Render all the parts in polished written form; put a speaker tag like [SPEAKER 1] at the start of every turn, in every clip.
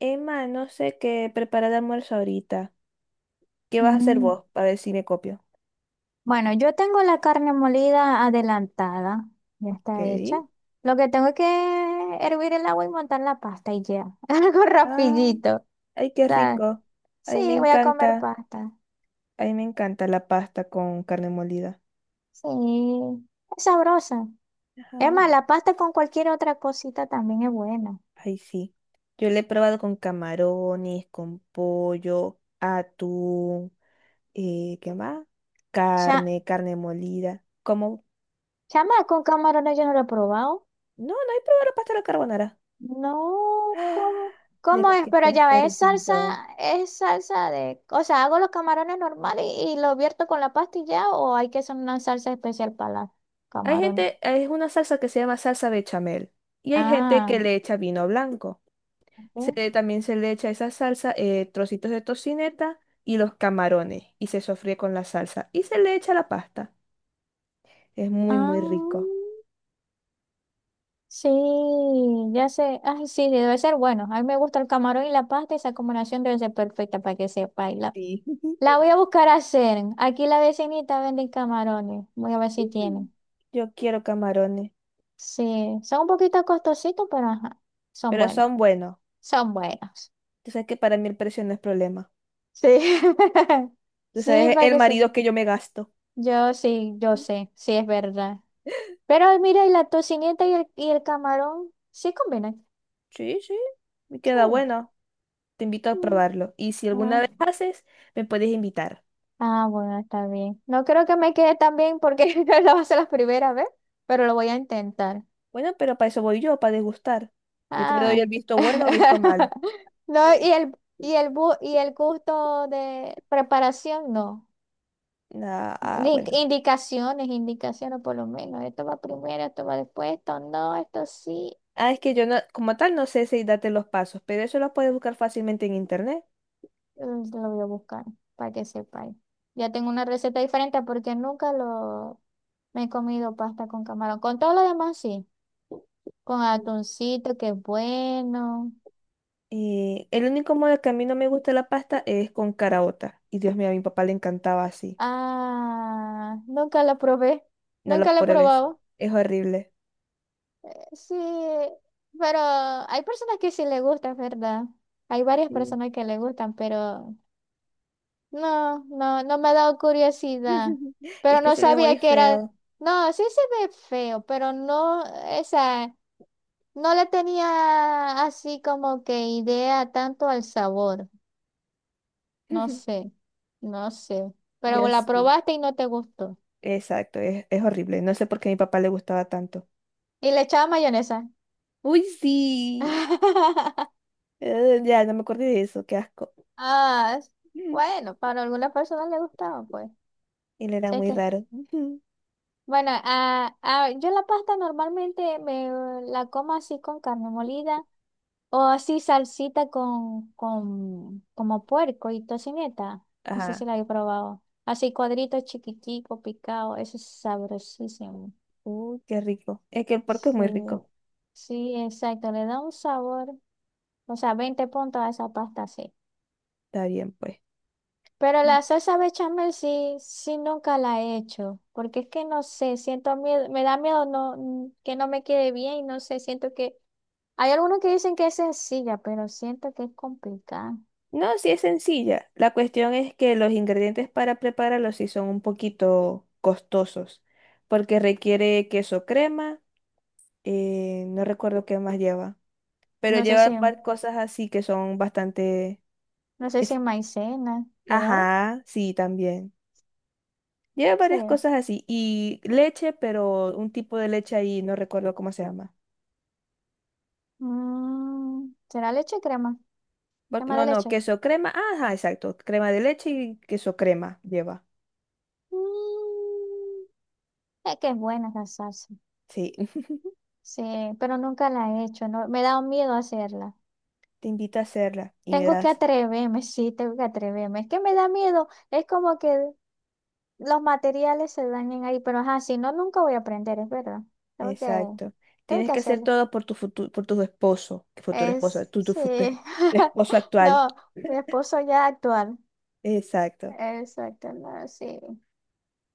[SPEAKER 1] Emma, no sé qué preparar de almuerzo ahorita. ¿Qué vas a hacer
[SPEAKER 2] Mm,
[SPEAKER 1] vos? A ver si me copio.
[SPEAKER 2] Bueno, yo tengo la carne molida adelantada, ya
[SPEAKER 1] Ok.
[SPEAKER 2] está hecha. Lo que tengo es que hervir el agua y montar la pasta y ya. Algo
[SPEAKER 1] Ah,
[SPEAKER 2] rapidito. O
[SPEAKER 1] ay, qué
[SPEAKER 2] sea,
[SPEAKER 1] rico.
[SPEAKER 2] sí,
[SPEAKER 1] Ay, me
[SPEAKER 2] voy a comer
[SPEAKER 1] encanta.
[SPEAKER 2] pasta.
[SPEAKER 1] Ay, me encanta la pasta con carne molida.
[SPEAKER 2] Sí, es sabrosa. Es
[SPEAKER 1] Ajá.
[SPEAKER 2] más, la pasta con cualquier otra cosita también es buena.
[SPEAKER 1] Ay, sí. Yo la he probado con camarones, con pollo, atún, ¿qué más?
[SPEAKER 2] Ya,
[SPEAKER 1] Carne, molida. Como,
[SPEAKER 2] chama, con camarones yo no lo he probado.
[SPEAKER 1] no, no he probado la pasta a la carbonara.
[SPEAKER 2] No,
[SPEAKER 1] Ah,
[SPEAKER 2] ¿cómo,
[SPEAKER 1] de
[SPEAKER 2] cómo
[SPEAKER 1] lo
[SPEAKER 2] es?
[SPEAKER 1] que te
[SPEAKER 2] Pero
[SPEAKER 1] has
[SPEAKER 2] ya ves, salsa,
[SPEAKER 1] perdido.
[SPEAKER 2] es salsa de, o sea, hago los camarones normales y lo vierto con la pasta y ya, o hay que hacer una salsa especial para los
[SPEAKER 1] Hay
[SPEAKER 2] camarones.
[SPEAKER 1] gente, es una salsa que se llama salsa bechamel y hay gente que
[SPEAKER 2] Ah,
[SPEAKER 1] le echa vino blanco.
[SPEAKER 2] ok.
[SPEAKER 1] También se le echa esa salsa, trocitos de tocineta y los camarones y se sofríe con la salsa y se le echa la pasta. Es muy, muy rico.
[SPEAKER 2] Ah, sí, ya sé. Ay, sí, debe ser bueno. A mí me gusta el camarón y la pasta, esa combinación debe ser perfecta para que sepa y La,
[SPEAKER 1] Sí.
[SPEAKER 2] la voy a buscar a hacer. Aquí la vecinita vende camarones. Voy a ver si tiene.
[SPEAKER 1] Mm. Yo quiero camarones,
[SPEAKER 2] Sí, son un poquito costositos, pero ajá, son
[SPEAKER 1] pero
[SPEAKER 2] buenos.
[SPEAKER 1] son buenos.
[SPEAKER 2] Son buenos.
[SPEAKER 1] Tú sabes que para mí el precio no es problema.
[SPEAKER 2] Sí.
[SPEAKER 1] Tú
[SPEAKER 2] Sí,
[SPEAKER 1] sabes
[SPEAKER 2] para
[SPEAKER 1] el
[SPEAKER 2] que se...
[SPEAKER 1] marido que yo me gasto.
[SPEAKER 2] Yo sí, yo sé, sí es verdad. Pero mira, y la tocineta y el camarón sí combinan.
[SPEAKER 1] Sí, sí, me
[SPEAKER 2] Sí.
[SPEAKER 1] queda bueno. Te invito a
[SPEAKER 2] Mm,
[SPEAKER 1] probarlo. Y si alguna
[SPEAKER 2] ajá.
[SPEAKER 1] vez haces, me puedes invitar.
[SPEAKER 2] Ah, bueno, está bien. No creo que me quede tan bien porque lo va a ser la primera vez, pero lo voy a intentar.
[SPEAKER 1] Bueno, pero para eso voy yo, para degustar. Yo te doy
[SPEAKER 2] Ah.
[SPEAKER 1] el visto bueno o visto malo.
[SPEAKER 2] No, y el gusto de preparación, no.
[SPEAKER 1] Ah, ah,
[SPEAKER 2] Di-
[SPEAKER 1] bueno.
[SPEAKER 2] Indicaciones, indicaciones por lo menos. Esto va primero, esto va después, esto no, esto sí.
[SPEAKER 1] Ah, es que yo no, como tal no sé si date los pasos, pero eso lo puedes buscar fácilmente en internet.
[SPEAKER 2] Lo voy a buscar para que sepáis. Ya tengo una receta diferente porque nunca lo me he comido pasta con camarón. Con todo lo demás sí. Con atuncito, que es bueno.
[SPEAKER 1] El único modo que a mí no me gusta la pasta es con caraota. Y Dios mío, a mi papá le encantaba así.
[SPEAKER 2] Ah, nunca lo probé.
[SPEAKER 1] No
[SPEAKER 2] Nunca
[SPEAKER 1] lo
[SPEAKER 2] lo he
[SPEAKER 1] pruebes.
[SPEAKER 2] probado.
[SPEAKER 1] Es horrible.
[SPEAKER 2] Sí, pero hay personas que sí le gustan, ¿verdad? Hay varias
[SPEAKER 1] Sí.
[SPEAKER 2] personas que le gustan, pero no, no, no me ha dado curiosidad,
[SPEAKER 1] Y es
[SPEAKER 2] pero
[SPEAKER 1] que
[SPEAKER 2] no
[SPEAKER 1] se ve muy
[SPEAKER 2] sabía que era,
[SPEAKER 1] feo.
[SPEAKER 2] no, sí se ve feo, pero no, esa, no le tenía así como que idea tanto al sabor, no sé, no sé, pero
[SPEAKER 1] Ya
[SPEAKER 2] la
[SPEAKER 1] sí.
[SPEAKER 2] probaste y no te gustó.
[SPEAKER 1] Exacto, es horrible. No sé por qué a mi papá le gustaba tanto.
[SPEAKER 2] Y le echaba mayonesa.
[SPEAKER 1] Uy, sí. Ya, no me acuerdo de eso. Qué asco.
[SPEAKER 2] Ah,
[SPEAKER 1] Ujú.
[SPEAKER 2] bueno, para algunas personas le gustaba, pues,
[SPEAKER 1] Él era
[SPEAKER 2] sé
[SPEAKER 1] muy
[SPEAKER 2] que,
[SPEAKER 1] raro. Ujú.
[SPEAKER 2] bueno, yo la pasta normalmente me la como así con carne molida, o así salsita con, como puerco y tocineta. No sé si
[SPEAKER 1] Ajá.
[SPEAKER 2] la he probado. Así cuadritos chiquitico, picado. Eso es sabrosísimo.
[SPEAKER 1] Qué rico. Es que el porco es
[SPEAKER 2] Sí,
[SPEAKER 1] muy rico.
[SPEAKER 2] sí, exacto. Le da un sabor. O sea, 20 puntos a esa pasta, sí.
[SPEAKER 1] Está bien, pues.
[SPEAKER 2] Pero
[SPEAKER 1] Mm.
[SPEAKER 2] la salsa bechamel sí, sí nunca la he hecho. Porque es que no sé, siento miedo, me da miedo no, que no me quede bien y no sé, siento que... Hay algunos que dicen que es sencilla, pero siento que es complicada.
[SPEAKER 1] No, sí es sencilla. La cuestión es que los ingredientes para prepararlo sí son un poquito costosos, porque requiere queso crema, no recuerdo qué más lleva, pero
[SPEAKER 2] No sé
[SPEAKER 1] lleva
[SPEAKER 2] si...
[SPEAKER 1] varias cosas así que son bastante...
[SPEAKER 2] No sé si
[SPEAKER 1] es-
[SPEAKER 2] maicena. ¿Llevará?
[SPEAKER 1] Ajá, sí, también. Lleva
[SPEAKER 2] Sí.
[SPEAKER 1] varias cosas así y leche, pero un tipo de leche ahí, no recuerdo cómo se llama.
[SPEAKER 2] Mm, ¿será leche o crema? ¿Crema de
[SPEAKER 1] No, no,
[SPEAKER 2] leche?
[SPEAKER 1] queso crema. Ah, ajá, exacto. Crema de leche y queso crema lleva.
[SPEAKER 2] Mm, es que es buena esa salsa.
[SPEAKER 1] Sí,
[SPEAKER 2] Sí, pero nunca la he hecho. No, me da un miedo hacerla.
[SPEAKER 1] te invito a hacerla y me
[SPEAKER 2] Tengo que
[SPEAKER 1] das.
[SPEAKER 2] atreverme, sí, tengo que atreverme. Es que me da miedo. Es como que los materiales se dañen ahí, pero ajá, si no, nunca voy a aprender, es verdad. Tengo que,
[SPEAKER 1] Exacto.
[SPEAKER 2] tengo
[SPEAKER 1] Tienes
[SPEAKER 2] que
[SPEAKER 1] que hacer
[SPEAKER 2] hacerlo.
[SPEAKER 1] todo por tu futuro, por tu esposo, que futuro esposo,
[SPEAKER 2] Es,
[SPEAKER 1] tu
[SPEAKER 2] sí.
[SPEAKER 1] esposo actual.
[SPEAKER 2] No, mi esposo ya actual.
[SPEAKER 1] Exacto.
[SPEAKER 2] Exacto, no, sí.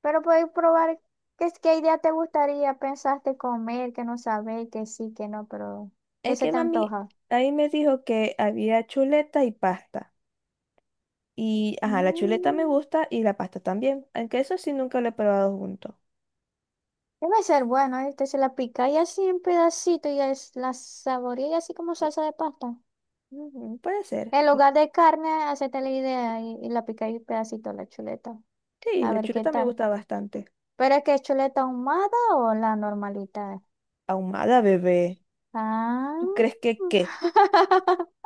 [SPEAKER 2] Pero podéis probar qué, qué idea te gustaría, pensaste comer, que no sabéis, que sí, que no, pero ¿qué
[SPEAKER 1] Es
[SPEAKER 2] se
[SPEAKER 1] que
[SPEAKER 2] te
[SPEAKER 1] mami
[SPEAKER 2] antoja?
[SPEAKER 1] ahí me dijo que había chuleta y pasta. Y, ajá, la chuleta me
[SPEAKER 2] Mm,
[SPEAKER 1] gusta y la pasta también. Aunque eso sí nunca lo he probado junto.
[SPEAKER 2] debe ser bueno, este se la pica y así en pedacito y es, la saboría así como salsa de pasta.
[SPEAKER 1] Ujú, puede ser.
[SPEAKER 2] En lugar de carne, hacete la idea y la picáis en pedacito la chuleta.
[SPEAKER 1] Sí,
[SPEAKER 2] A
[SPEAKER 1] la
[SPEAKER 2] ver qué
[SPEAKER 1] chuleta me
[SPEAKER 2] tal.
[SPEAKER 1] gusta bastante.
[SPEAKER 2] ¿Pero es que es chuleta ahumada o la normalita?
[SPEAKER 1] Ahumada, bebé.
[SPEAKER 2] Ah.
[SPEAKER 1] ¿Tú crees que qué?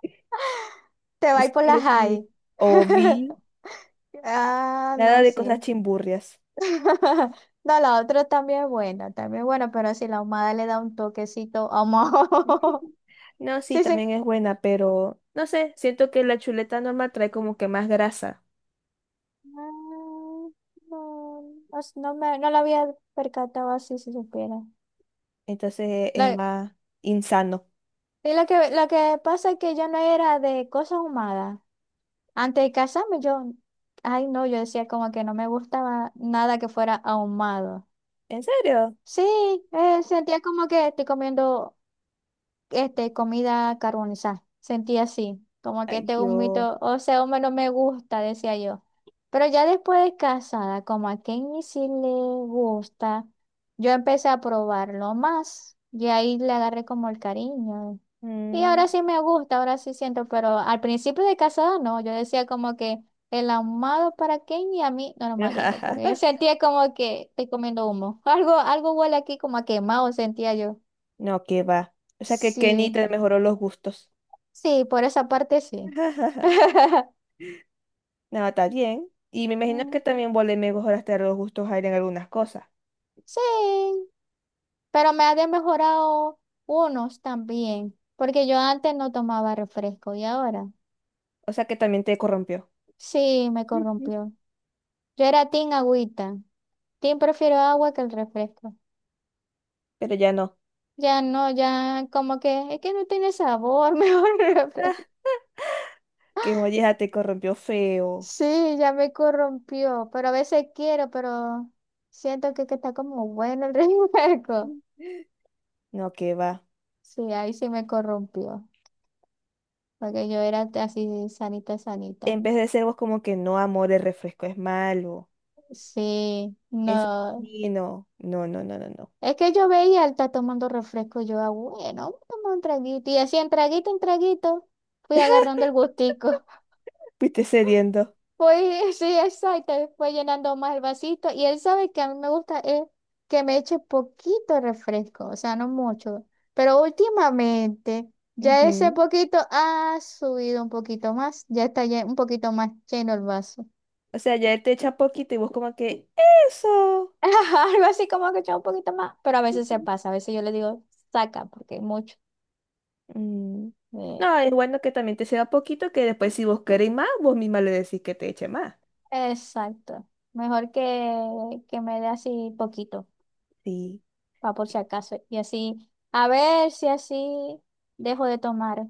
[SPEAKER 2] Te va a ir por la
[SPEAKER 1] Excuse me.
[SPEAKER 2] high.
[SPEAKER 1] O vi
[SPEAKER 2] Ah,
[SPEAKER 1] nada
[SPEAKER 2] no,
[SPEAKER 1] de
[SPEAKER 2] sí.
[SPEAKER 1] cosas chimburrias.
[SPEAKER 2] No, la otra también es buena, pero si la ahumada le da un toquecito ahumado.
[SPEAKER 1] No, sí,
[SPEAKER 2] Sí, sí.
[SPEAKER 1] también es buena, pero no sé, siento que la chuleta normal trae como que más grasa,
[SPEAKER 2] Ah, No, no, no la había percatado así si supiera.
[SPEAKER 1] entonces es
[SPEAKER 2] La-
[SPEAKER 1] más insano.
[SPEAKER 2] y lo que pasa es que yo no era de cosas ahumadas. Antes de casarme, yo, ay, no, yo decía como que no me gustaba nada que fuera ahumado.
[SPEAKER 1] ¿En serio?
[SPEAKER 2] Sí, sentía como que estoy comiendo comida carbonizada. Sentía así, como que
[SPEAKER 1] Ay,
[SPEAKER 2] este
[SPEAKER 1] Dios.
[SPEAKER 2] humito, o sea, humo no me gusta, decía yo. Pero ya después de casada, como a Kenny sí le gusta, yo empecé a probarlo más y ahí le agarré como el cariño. Y
[SPEAKER 1] Mm.
[SPEAKER 2] ahora sí me gusta, ahora sí siento, pero al principio de casada no, yo decía como que el ahumado para Kenny y a mí normalito, porque yo sentía como que estoy comiendo humo. Algo huele aquí como a quemado, sentía yo.
[SPEAKER 1] No, que va. O sea que Kenny
[SPEAKER 2] Sí.
[SPEAKER 1] te mejoró los gustos.
[SPEAKER 2] Sí, por esa parte sí.
[SPEAKER 1] No, está bien. Y me imagino que
[SPEAKER 2] Mm,
[SPEAKER 1] también vos le mejoraste los gustos a él en algunas cosas.
[SPEAKER 2] Sí, pero me ha de mejorado unos también, porque yo antes no tomaba refresco y ahora
[SPEAKER 1] O sea que también te corrompió.
[SPEAKER 2] sí me corrompió. Yo era team agüita, team prefiero agua que el refresco.
[SPEAKER 1] Pero ya no.
[SPEAKER 2] Ya no, ya como que es que no tiene sabor, mejor el refresco.
[SPEAKER 1] Que oye, ya te corrompió feo.
[SPEAKER 2] Sí, ya me corrompió, pero a veces quiero, pero siento que está como bueno el refresco.
[SPEAKER 1] No, que va.
[SPEAKER 2] Sí, ahí sí me corrompió. Porque yo era así sanita, sanita.
[SPEAKER 1] En vez de ser vos como que no, amor, el refresco es malo.
[SPEAKER 2] Sí,
[SPEAKER 1] Eso es
[SPEAKER 2] no.
[SPEAKER 1] dañino. No, no, no, no, no.
[SPEAKER 2] Es que yo veía, él está tomando refresco, yo, ah, bueno, vamos un traguito. Y así en traguito, fui agarrando el gustico.
[SPEAKER 1] Fuiste cediendo.
[SPEAKER 2] Fui, sí, exacto, fue llenando más el vasito. Y él sabe que a mí me gusta es que me eche poquito refresco, o sea, no mucho. Pero últimamente, ya ese
[SPEAKER 1] Ujú.
[SPEAKER 2] poquito ha subido un poquito más, ya está un poquito más lleno el vaso.
[SPEAKER 1] O sea, ya él te echa poquito y vos como que, eso.
[SPEAKER 2] Ajá, algo así como que echaba un poquito más, pero a veces se pasa, a veces yo le digo, saca, porque es mucho.
[SPEAKER 1] Mm.
[SPEAKER 2] Eh,
[SPEAKER 1] No, es bueno que también te ceda poquito, que después si vos queréis más, vos misma le decís que te eche más.
[SPEAKER 2] exacto. Mejor que me dé así poquito,
[SPEAKER 1] Sí.
[SPEAKER 2] para por si acaso. Y así, a ver si así dejo de tomar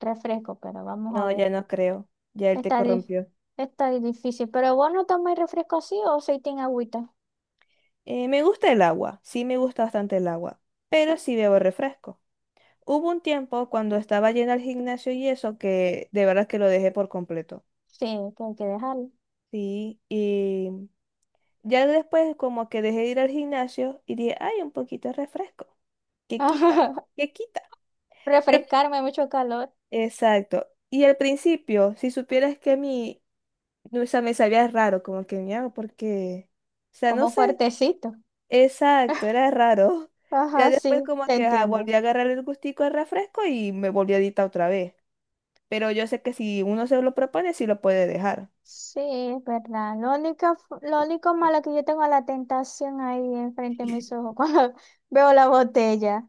[SPEAKER 2] refresco, pero vamos a
[SPEAKER 1] No,
[SPEAKER 2] ver.
[SPEAKER 1] ya no creo. Ya él te
[SPEAKER 2] Está, dif-
[SPEAKER 1] corrompió.
[SPEAKER 2] está difícil, pero vos no tomáis refresco así o soy tin agüita.
[SPEAKER 1] Me gusta el agua. Sí, me gusta bastante el agua. Pero sí bebo refresco. Hubo un tiempo cuando estaba llena al gimnasio y eso que de verdad que lo dejé por completo.
[SPEAKER 2] Sí, que hay que dejarlo.
[SPEAKER 1] Sí, y ya después como que dejé de ir al gimnasio y dije, ay, un poquito de refresco. ¿Qué quita? ¿Qué quita? ¿Qué-".
[SPEAKER 2] Refrescarme, mucho calor,
[SPEAKER 1] Exacto. Y al principio, si supieras que a mí, no, o sea, me sabía raro, como que me hago porque, o sea, no
[SPEAKER 2] como
[SPEAKER 1] sé,
[SPEAKER 2] fuertecito.
[SPEAKER 1] exacto, era raro. Ya
[SPEAKER 2] Ajá,
[SPEAKER 1] después
[SPEAKER 2] sí,
[SPEAKER 1] como
[SPEAKER 2] te
[SPEAKER 1] que ajá, volví
[SPEAKER 2] entiendo.
[SPEAKER 1] a agarrar el gustico al refresco y me volví adicta otra vez. Pero yo sé que si uno se lo propone, sí lo puede dejar.
[SPEAKER 2] Sí, es verdad. Lo único, lo único malo que yo tengo es la tentación ahí enfrente de mis ojos cuando veo la botella.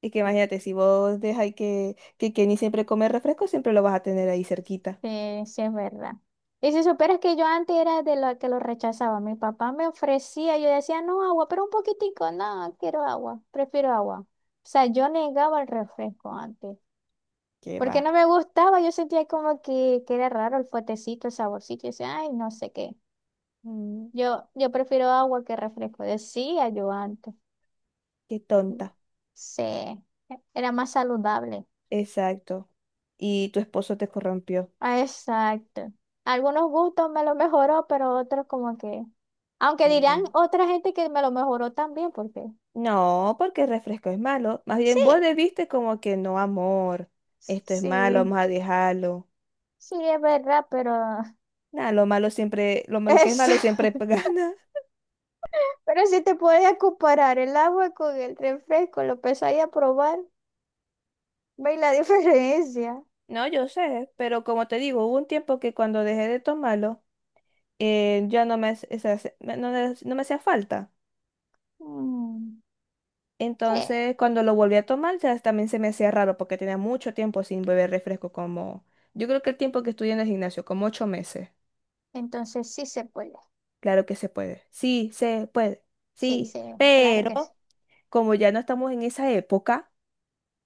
[SPEAKER 1] Y que imagínate, si vos dejáis que Kenny siempre come refresco, siempre lo vas a tener ahí cerquita.
[SPEAKER 2] Sí, sí, es verdad. Y si supieras que yo antes era de la que lo rechazaba, mi papá me ofrecía, yo decía, no, agua, pero un poquitico, no, quiero agua, prefiero agua. O sea, yo negaba el refresco antes,
[SPEAKER 1] Que va.
[SPEAKER 2] porque no me gustaba, yo sentía como que era raro el fuertecito, el saborcito, y decía, ay, no sé qué.
[SPEAKER 1] Mm,
[SPEAKER 2] Yo prefiero agua que refresco, decía yo antes.
[SPEAKER 1] qué tonta.
[SPEAKER 2] Sí, era más saludable.
[SPEAKER 1] Exacto. Y tu esposo te corrompió.
[SPEAKER 2] Ah, exacto. Algunos gustos me lo mejoró, pero otros como que... Aunque dirán
[SPEAKER 1] Ándale.
[SPEAKER 2] otra gente que me lo mejoró también, porque...
[SPEAKER 1] No, porque el refresco es malo. Más
[SPEAKER 2] Sí,
[SPEAKER 1] bien vos debiste como que no, amor, esto es malo,
[SPEAKER 2] sí,
[SPEAKER 1] vamos a dejarlo.
[SPEAKER 2] sí, es verdad, pero...
[SPEAKER 1] Nada, lo malo siempre, lo malo que es
[SPEAKER 2] Es...
[SPEAKER 1] malo siempre gana.
[SPEAKER 2] Pero si te podías comparar el agua con el refresco, lo empezáis a probar, veis la diferencia.
[SPEAKER 1] No, yo sé, pero como te digo, hubo un tiempo que cuando dejé de tomarlo, ya no me, o sea, no, me no me hacía falta.
[SPEAKER 2] Mm, sí,
[SPEAKER 1] Entonces, cuando lo volví a tomar, ya también se me hacía raro porque tenía mucho tiempo sin beber refresco, como yo creo que el tiempo que estudié en el gimnasio, como 8 meses.
[SPEAKER 2] entonces sí se puede.
[SPEAKER 1] Claro que se puede. Sí, se puede.
[SPEAKER 2] Sí,
[SPEAKER 1] Sí,
[SPEAKER 2] sí, claro que sí.
[SPEAKER 1] pero como ya no estamos en esa época,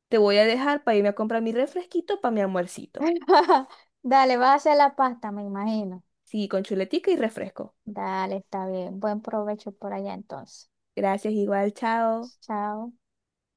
[SPEAKER 1] te voy a dejar para irme a comprar mi refresquito para mi almuercito.
[SPEAKER 2] Dale, vas a hacer la pasta, me imagino.
[SPEAKER 1] Sí, con chuletica y refresco.
[SPEAKER 2] Dale, está bien. Buen provecho por allá entonces.
[SPEAKER 1] Gracias, igual, chao.
[SPEAKER 2] Chao.